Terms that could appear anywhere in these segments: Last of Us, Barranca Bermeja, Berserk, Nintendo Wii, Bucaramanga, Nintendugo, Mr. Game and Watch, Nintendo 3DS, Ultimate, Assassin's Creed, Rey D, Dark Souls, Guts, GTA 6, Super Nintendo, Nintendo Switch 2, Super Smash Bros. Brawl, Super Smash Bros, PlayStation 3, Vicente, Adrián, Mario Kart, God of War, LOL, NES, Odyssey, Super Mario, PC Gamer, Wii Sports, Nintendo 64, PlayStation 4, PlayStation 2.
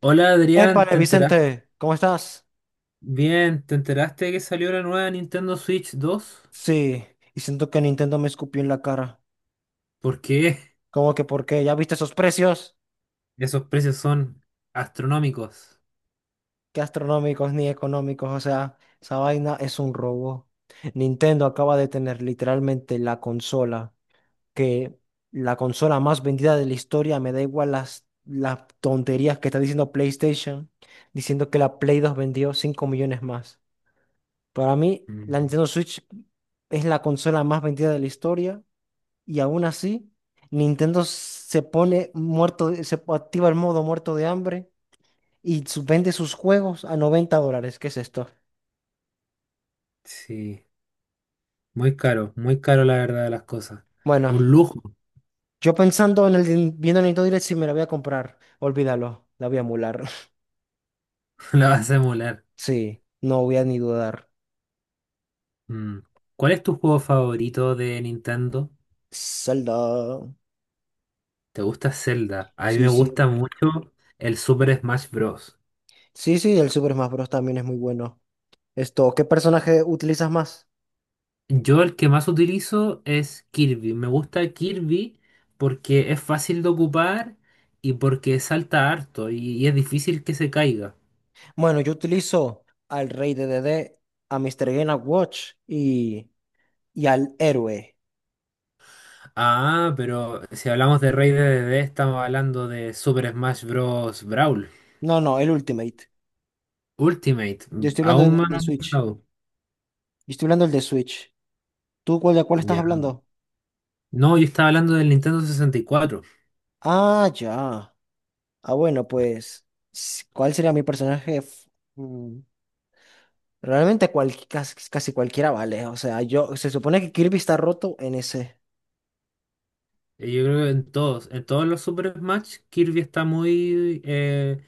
Hola Adrián, Épale, ¿te enteraste? Vicente, ¿cómo estás? Bien, ¿te enteraste que salió la nueva Nintendo Switch 2? Sí, y siento que Nintendo me escupió en la cara. ¿Porque ¿Cómo que por qué? ¿Ya viste esos precios? esos precios son astronómicos? Qué astronómicos ni económicos, o sea, esa vaina es un robo. Nintendo acaba de tener literalmente la consola, que la consola más vendida de la historia, me da igual las tonterías que está diciendo PlayStation, diciendo que la Play 2 vendió 5 millones más. Para mí, la Mm. Nintendo Switch es la consola más vendida de la historia. Y aún así, Nintendo se pone muerto, se activa el modo muerto de hambre y vende sus juegos a 90 dólares. ¿Qué es esto? Sí, muy caro la verdad de las cosas. Bueno, Un lujo. yo pensando en el viendo el Nintendo Direct, si me la voy a comprar, olvídalo, la voy a emular. La vas a emular. Sí, no voy a ni dudar. Mm. ¿Cuál es tu juego favorito de Nintendo? Zelda. ¿Te gusta Zelda? A mí Sí, me gusta sí. mucho el Super Smash Bros. Sí, sí, el Super Smash Bros. También es muy bueno. Esto, ¿qué personaje utilizas más? Yo el que más utilizo es Kirby. Me gusta Kirby porque es fácil de ocupar y porque salta harto y es difícil que se caiga. Bueno, yo utilizo al Rey de D D, a Mr. Game and Watch y al héroe. Ah, pero si hablamos de Rey D, D D, estamos hablando de Super Smash Bros. Brawl. No, no, el Ultimate. Ultimate. Yo estoy hablando del Aún más de Switch. avanzado. Yo estoy hablando del de Switch. ¿Tú cuál, de cuál estás Ya. hablando? No, yo estaba hablando del Nintendo 64. Ah, ya. Ah, bueno, pues, ¿cuál sería mi personaje? Mm, Realmente casi, casi cualquiera vale. O sea, yo, se supone que Kirby está roto en ese. Yo creo que en todos los Super Smash, Kirby está muy,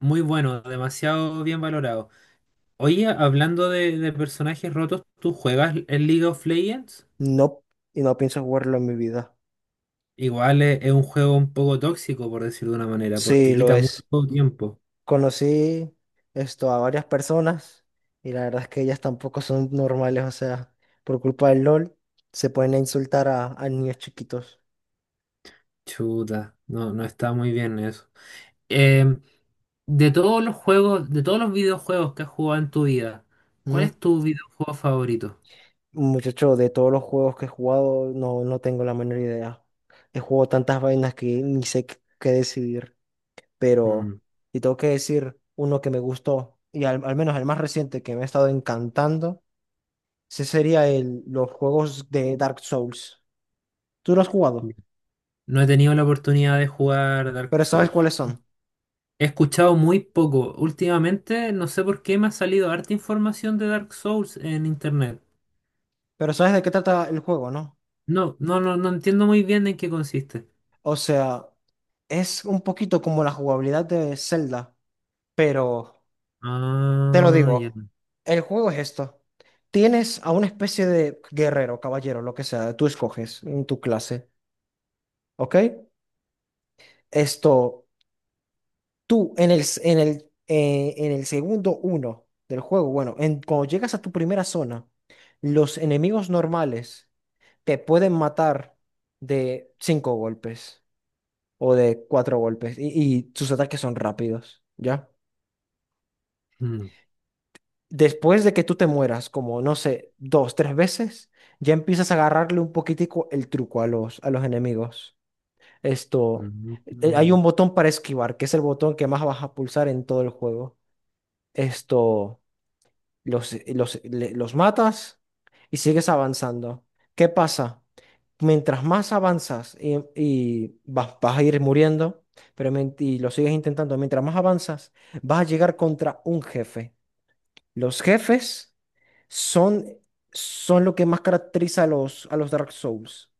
muy bueno, demasiado bien valorado. Oye, hablando de personajes rotos, ¿tú juegas el League of Legends? No, y no pienso jugarlo en mi vida. Igual es un juego un poco tóxico, por decirlo de una manera, Sí, porque lo quita mucho es. tiempo. Conocí esto a varias personas y la verdad es que ellas tampoco son normales. O sea, por culpa del LOL se pueden insultar a niños chiquitos. Chuta, no, no está muy bien eso. Em, de todos los juegos, de todos los videojuegos que has jugado en tu vida, ¿cuál Mm, es tu videojuego favorito? Muchacho, de todos los juegos que he jugado, no, no tengo la menor idea. He jugado tantas vainas que ni sé qué decidir. Pero, Mm, y tengo que decir uno que me gustó, y al, al menos el más reciente que me ha estado encantando, ese sería los juegos de Dark Souls. Tú lo has jugado, ya. No he tenido la oportunidad de jugar Dark pero sabes Souls. cuáles son. He escuchado muy poco. Últimamente, no sé por qué me ha salido harta información de Dark Souls en internet. Pero sabes de qué trata el juego, ¿no? No, no, no, no entiendo muy bien en qué consiste. O sea, es un poquito como la jugabilidad de Zelda, pero. Te lo Ah, ya. digo, el juego es esto. Tienes a una especie de guerrero, caballero, lo que sea, tú escoges en tu clase, ¿ok? Esto, tú en el, s- en el segundo uno del juego, bueno, en, cuando llegas a tu primera zona, los enemigos normales te pueden matar de cinco golpes o de cuatro golpes y sus ataques son rápidos, ¿ya? Mm, Después de que tú te mueras, como no sé, dos, tres veces, ya empiezas a agarrarle un poquitico el truco a a los enemigos. Esto, mm, hay mm, un botón para esquivar, que es el botón que más vas a pulsar en todo el juego. Esto, los matas y sigues avanzando. ¿Qué pasa? Mientras más avanzas y vas a ir muriendo, pero y lo sigues intentando, mientras más avanzas, vas a llegar contra un jefe. Los jefes son, son lo que más caracteriza a a los Dark Souls.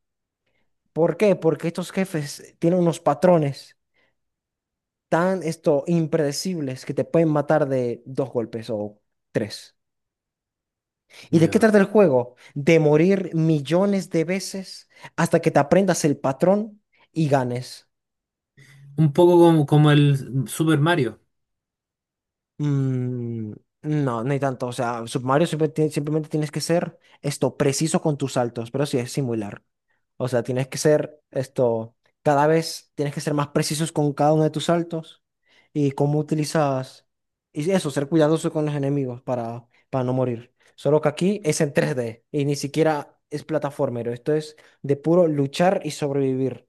¿Por qué? Porque estos jefes tienen unos patrones tan esto, impredecibles que te pueden matar de dos golpes o tres. ¿Y de qué ya. trata el juego? De morir millones de veces hasta que te aprendas el patrón y ganes. Un poco como, como el Super Mario. Mm, no, no hay tanto. O sea, Super Mario siempre simplemente tienes que ser esto preciso con tus saltos, pero sí es similar. O sea, tienes que ser esto, cada vez tienes que ser más precisos con cada uno de tus saltos y cómo utilizas, y eso, ser cuidadoso con los enemigos para no morir. Solo que aquí es en tres d y ni siquiera es plataformero. Esto es de puro luchar y sobrevivir.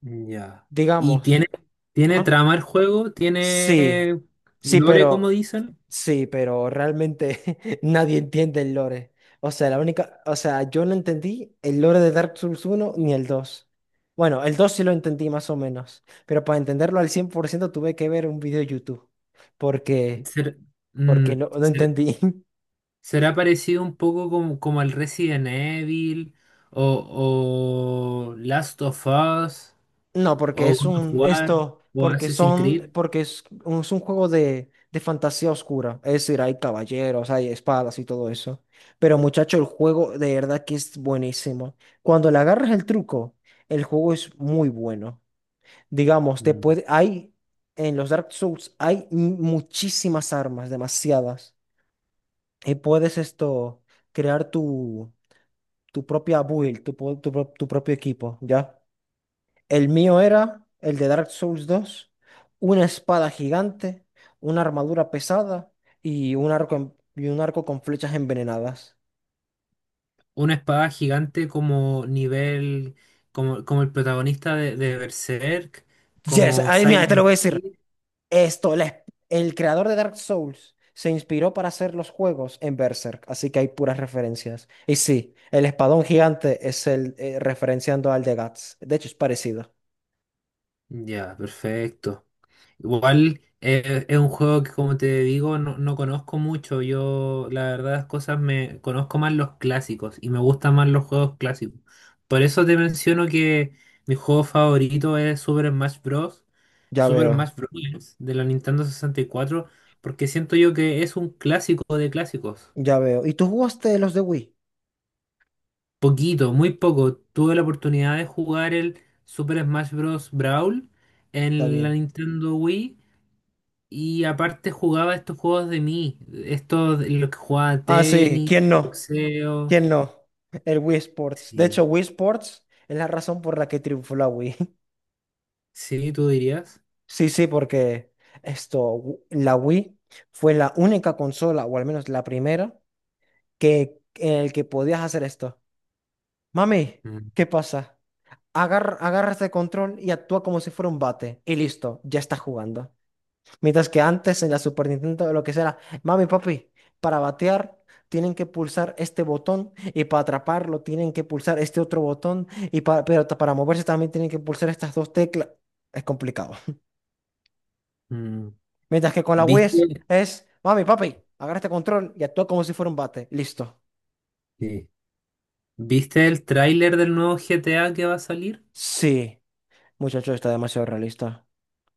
Ya. ¿Y tiene, Digamos, Tiene ¿ah? trama el juego? Sí, ¿Tiene sí, lore, como pero dicen? sí, pero realmente nadie entiende el lore. O sea, la única, o sea, yo no entendí el lore de Dark Souls uno ni el 2. Bueno, el 2 sí lo entendí más o menos, pero para entenderlo al 100% tuve que ver un video de YouTube, porque ¿Ser- mm, no, no ser- entendí. ¿Será parecido un poco como, como al Resident Evil o Last of Us No, porque o es God of un, War esto, o porque Assassin's son, Creed? porque es un juego de fantasía oscura. Es decir, hay caballeros, hay espadas y todo eso. Pero muchacho, el juego de verdad que es buenísimo. Cuando le agarras el truco, el juego es muy bueno. Digamos, te Mm. puede, hay, en los Dark Souls hay muchísimas armas, demasiadas. Y puedes esto, crear tu, tu propia build, tu, tu propio equipo, ¿ya? El mío era el de Dark Souls 2, una espada gigante, una armadura pesada y un arco, y un arco con flechas envenenadas. Una espada gigante como nivel, como el protagonista de Berserk, Yes, como ay, mira, te lo voy a Silent decir. Hill. Esto, el creador de Dark Souls se inspiró para hacer los juegos en Berserk, así que hay puras referencias. Y sí, el espadón gigante es el referenciando al de Guts. De hecho, es parecido. Ya, perfecto. Igual es un juego que, como te digo, no, no conozco mucho. Yo, la verdad, las cosas me conozco más los clásicos y me gustan más los juegos clásicos. Por eso te menciono que mi juego favorito es Super Smash Bros. Ya Super veo, Smash Bros. De la Nintendo 64 porque siento yo que es un clásico de clásicos. ya veo. ¿Y tú jugaste los de Wii? Poquito, muy poco. Tuve la oportunidad de jugar el Super Smash Bros. Brawl Está en la bien. Nintendo Wii y aparte jugaba estos juegos de mí, estos de los que jugaba Ah, sí, tenis, ¿quién no? boxeo. ¿Quién no? El Wii Sports. De hecho, Sí, Wii Sports es la razón por la que triunfó la Wii. sí, tú dirías. Sí, sí, porque esto, la Wii fue la única consola, o al menos la primera, que, en el que podías hacer esto. Mami, Mm, ¿qué pasa? Agarra este control y actúa como si fuera un bate. Y listo, ya estás jugando. Mientras que antes en la Super Nintendo lo que será, mami, papi, para batear tienen que pulsar este botón y para atraparlo tienen que pulsar este otro botón y para, pero para moverse también tienen que pulsar estas dos teclas. Es complicado. mm. Mientras que con la Wii ¿Viste? es, mami, papi, agarra este control y actúa como si fuera un bate. Listo. Sí. ¿Viste el tráiler del nuevo GTA que va a salir? Sí, muchacho, está demasiado realista.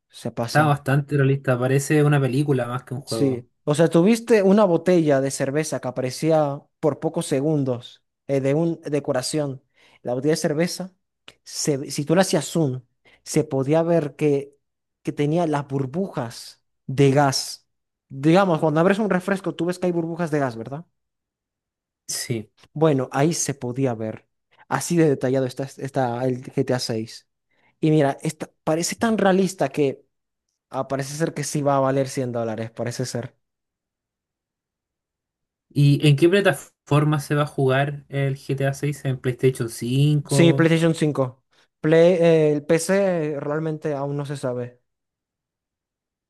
Se Está pasan. bastante realista, parece una película más que un juego. Sí, o sea, tuviste una botella de cerveza que aparecía por pocos segundos de un decoración. La botella de cerveza, si tú la hacías zoom, se podía ver que tenía las burbujas de gas. Digamos, cuando abres un refresco, tú ves que hay burbujas de gas, ¿verdad? Sí. Bueno, ahí se podía ver. Así de detallado está, está el GTA 6. Y mira, esta, parece tan realista que parece ser que sí va a valer 100 dólares, parece ser. ¿Y en qué plataforma se va a jugar el GTA 6? ¿En PlayStation Sí, 5? PlayStation 5. El PC realmente aún no se sabe.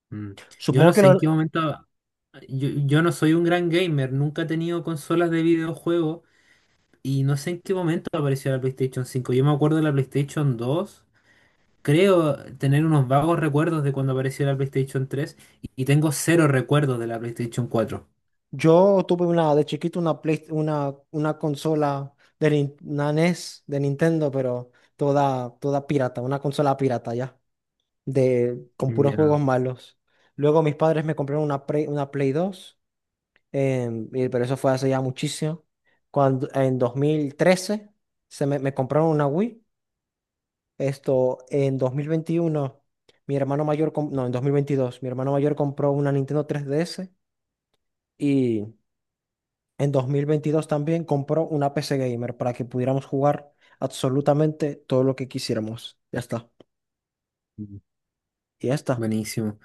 Mm, yo Supongo no que sé en lo- qué momento... yo no soy un gran gamer, nunca he tenido consolas de videojuegos y no sé en qué momento apareció la PlayStation 5. Yo me acuerdo de la PlayStation 2, creo tener unos vagos recuerdos de cuando apareció la PlayStation 3 y tengo cero recuerdos de la PlayStation 4. yo tuve una de chiquito una una consola de una NES de Nintendo, pero toda pirata, una consola pirata ya, de, con puros Ya, juegos malos. Luego mis padres me compraron una una Play 2, pero eso fue hace ya muchísimo. Cuando, en 2013 me compraron una Wii. Esto, en 2021 mi hermano mayor, com- no, en 2022 mi hermano mayor compró una Nintendo 3DS y en 2022 también compró una PC Gamer para que pudiéramos jugar absolutamente todo lo que quisiéramos. Ya está. mm, Y ya está. buenísimo.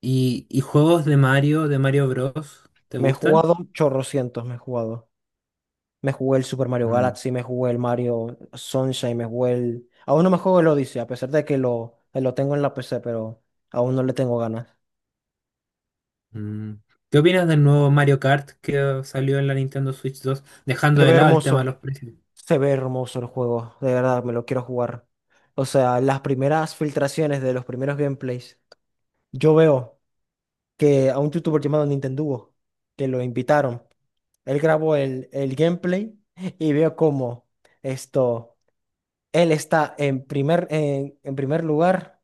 Y juegos de Mario Bros, te Me he gustan? jugado chorrocientos, me he jugado. Me jugué el Super Mario Galaxy, me jugué el Mario Sunshine, me jugué el... Aún no me juego el Odyssey, a pesar de que lo tengo en la PC, pero aún no le tengo ganas. Mm. ¿Qué opinas del nuevo Mario Kart que salió en la Nintendo Switch 2, dejando Te de ve lado el tema de los hermoso. precios? Se ve hermoso el juego, de verdad, me lo quiero jugar. O sea, las primeras filtraciones de los primeros gameplays, yo veo que a un youtuber llamado Nintendugo, que lo invitaron, él grabó el gameplay y veo cómo esto, él está en en primer lugar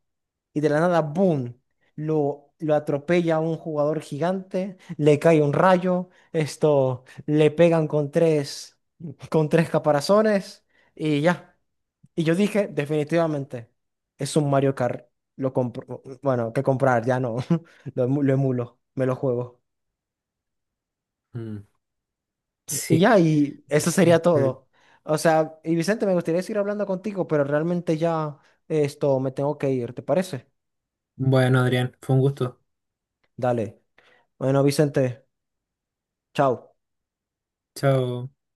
y de la nada, boom, lo atropella a un jugador gigante, le cae un rayo, esto, le pegan con tres caparazones y ya. Y yo dije, definitivamente, es un Mario Kart. Lo compro, bueno, que comprar, ya no. Lo emulo, me lo juego. Mm, Y sí. ya, y eso sería Eh, todo. O sea, y Vicente, me gustaría seguir hablando contigo, pero realmente ya esto me tengo que ir, ¿te parece? bueno, Adrián, fue un gusto. Dale. Bueno, Vicente, chao. Chao.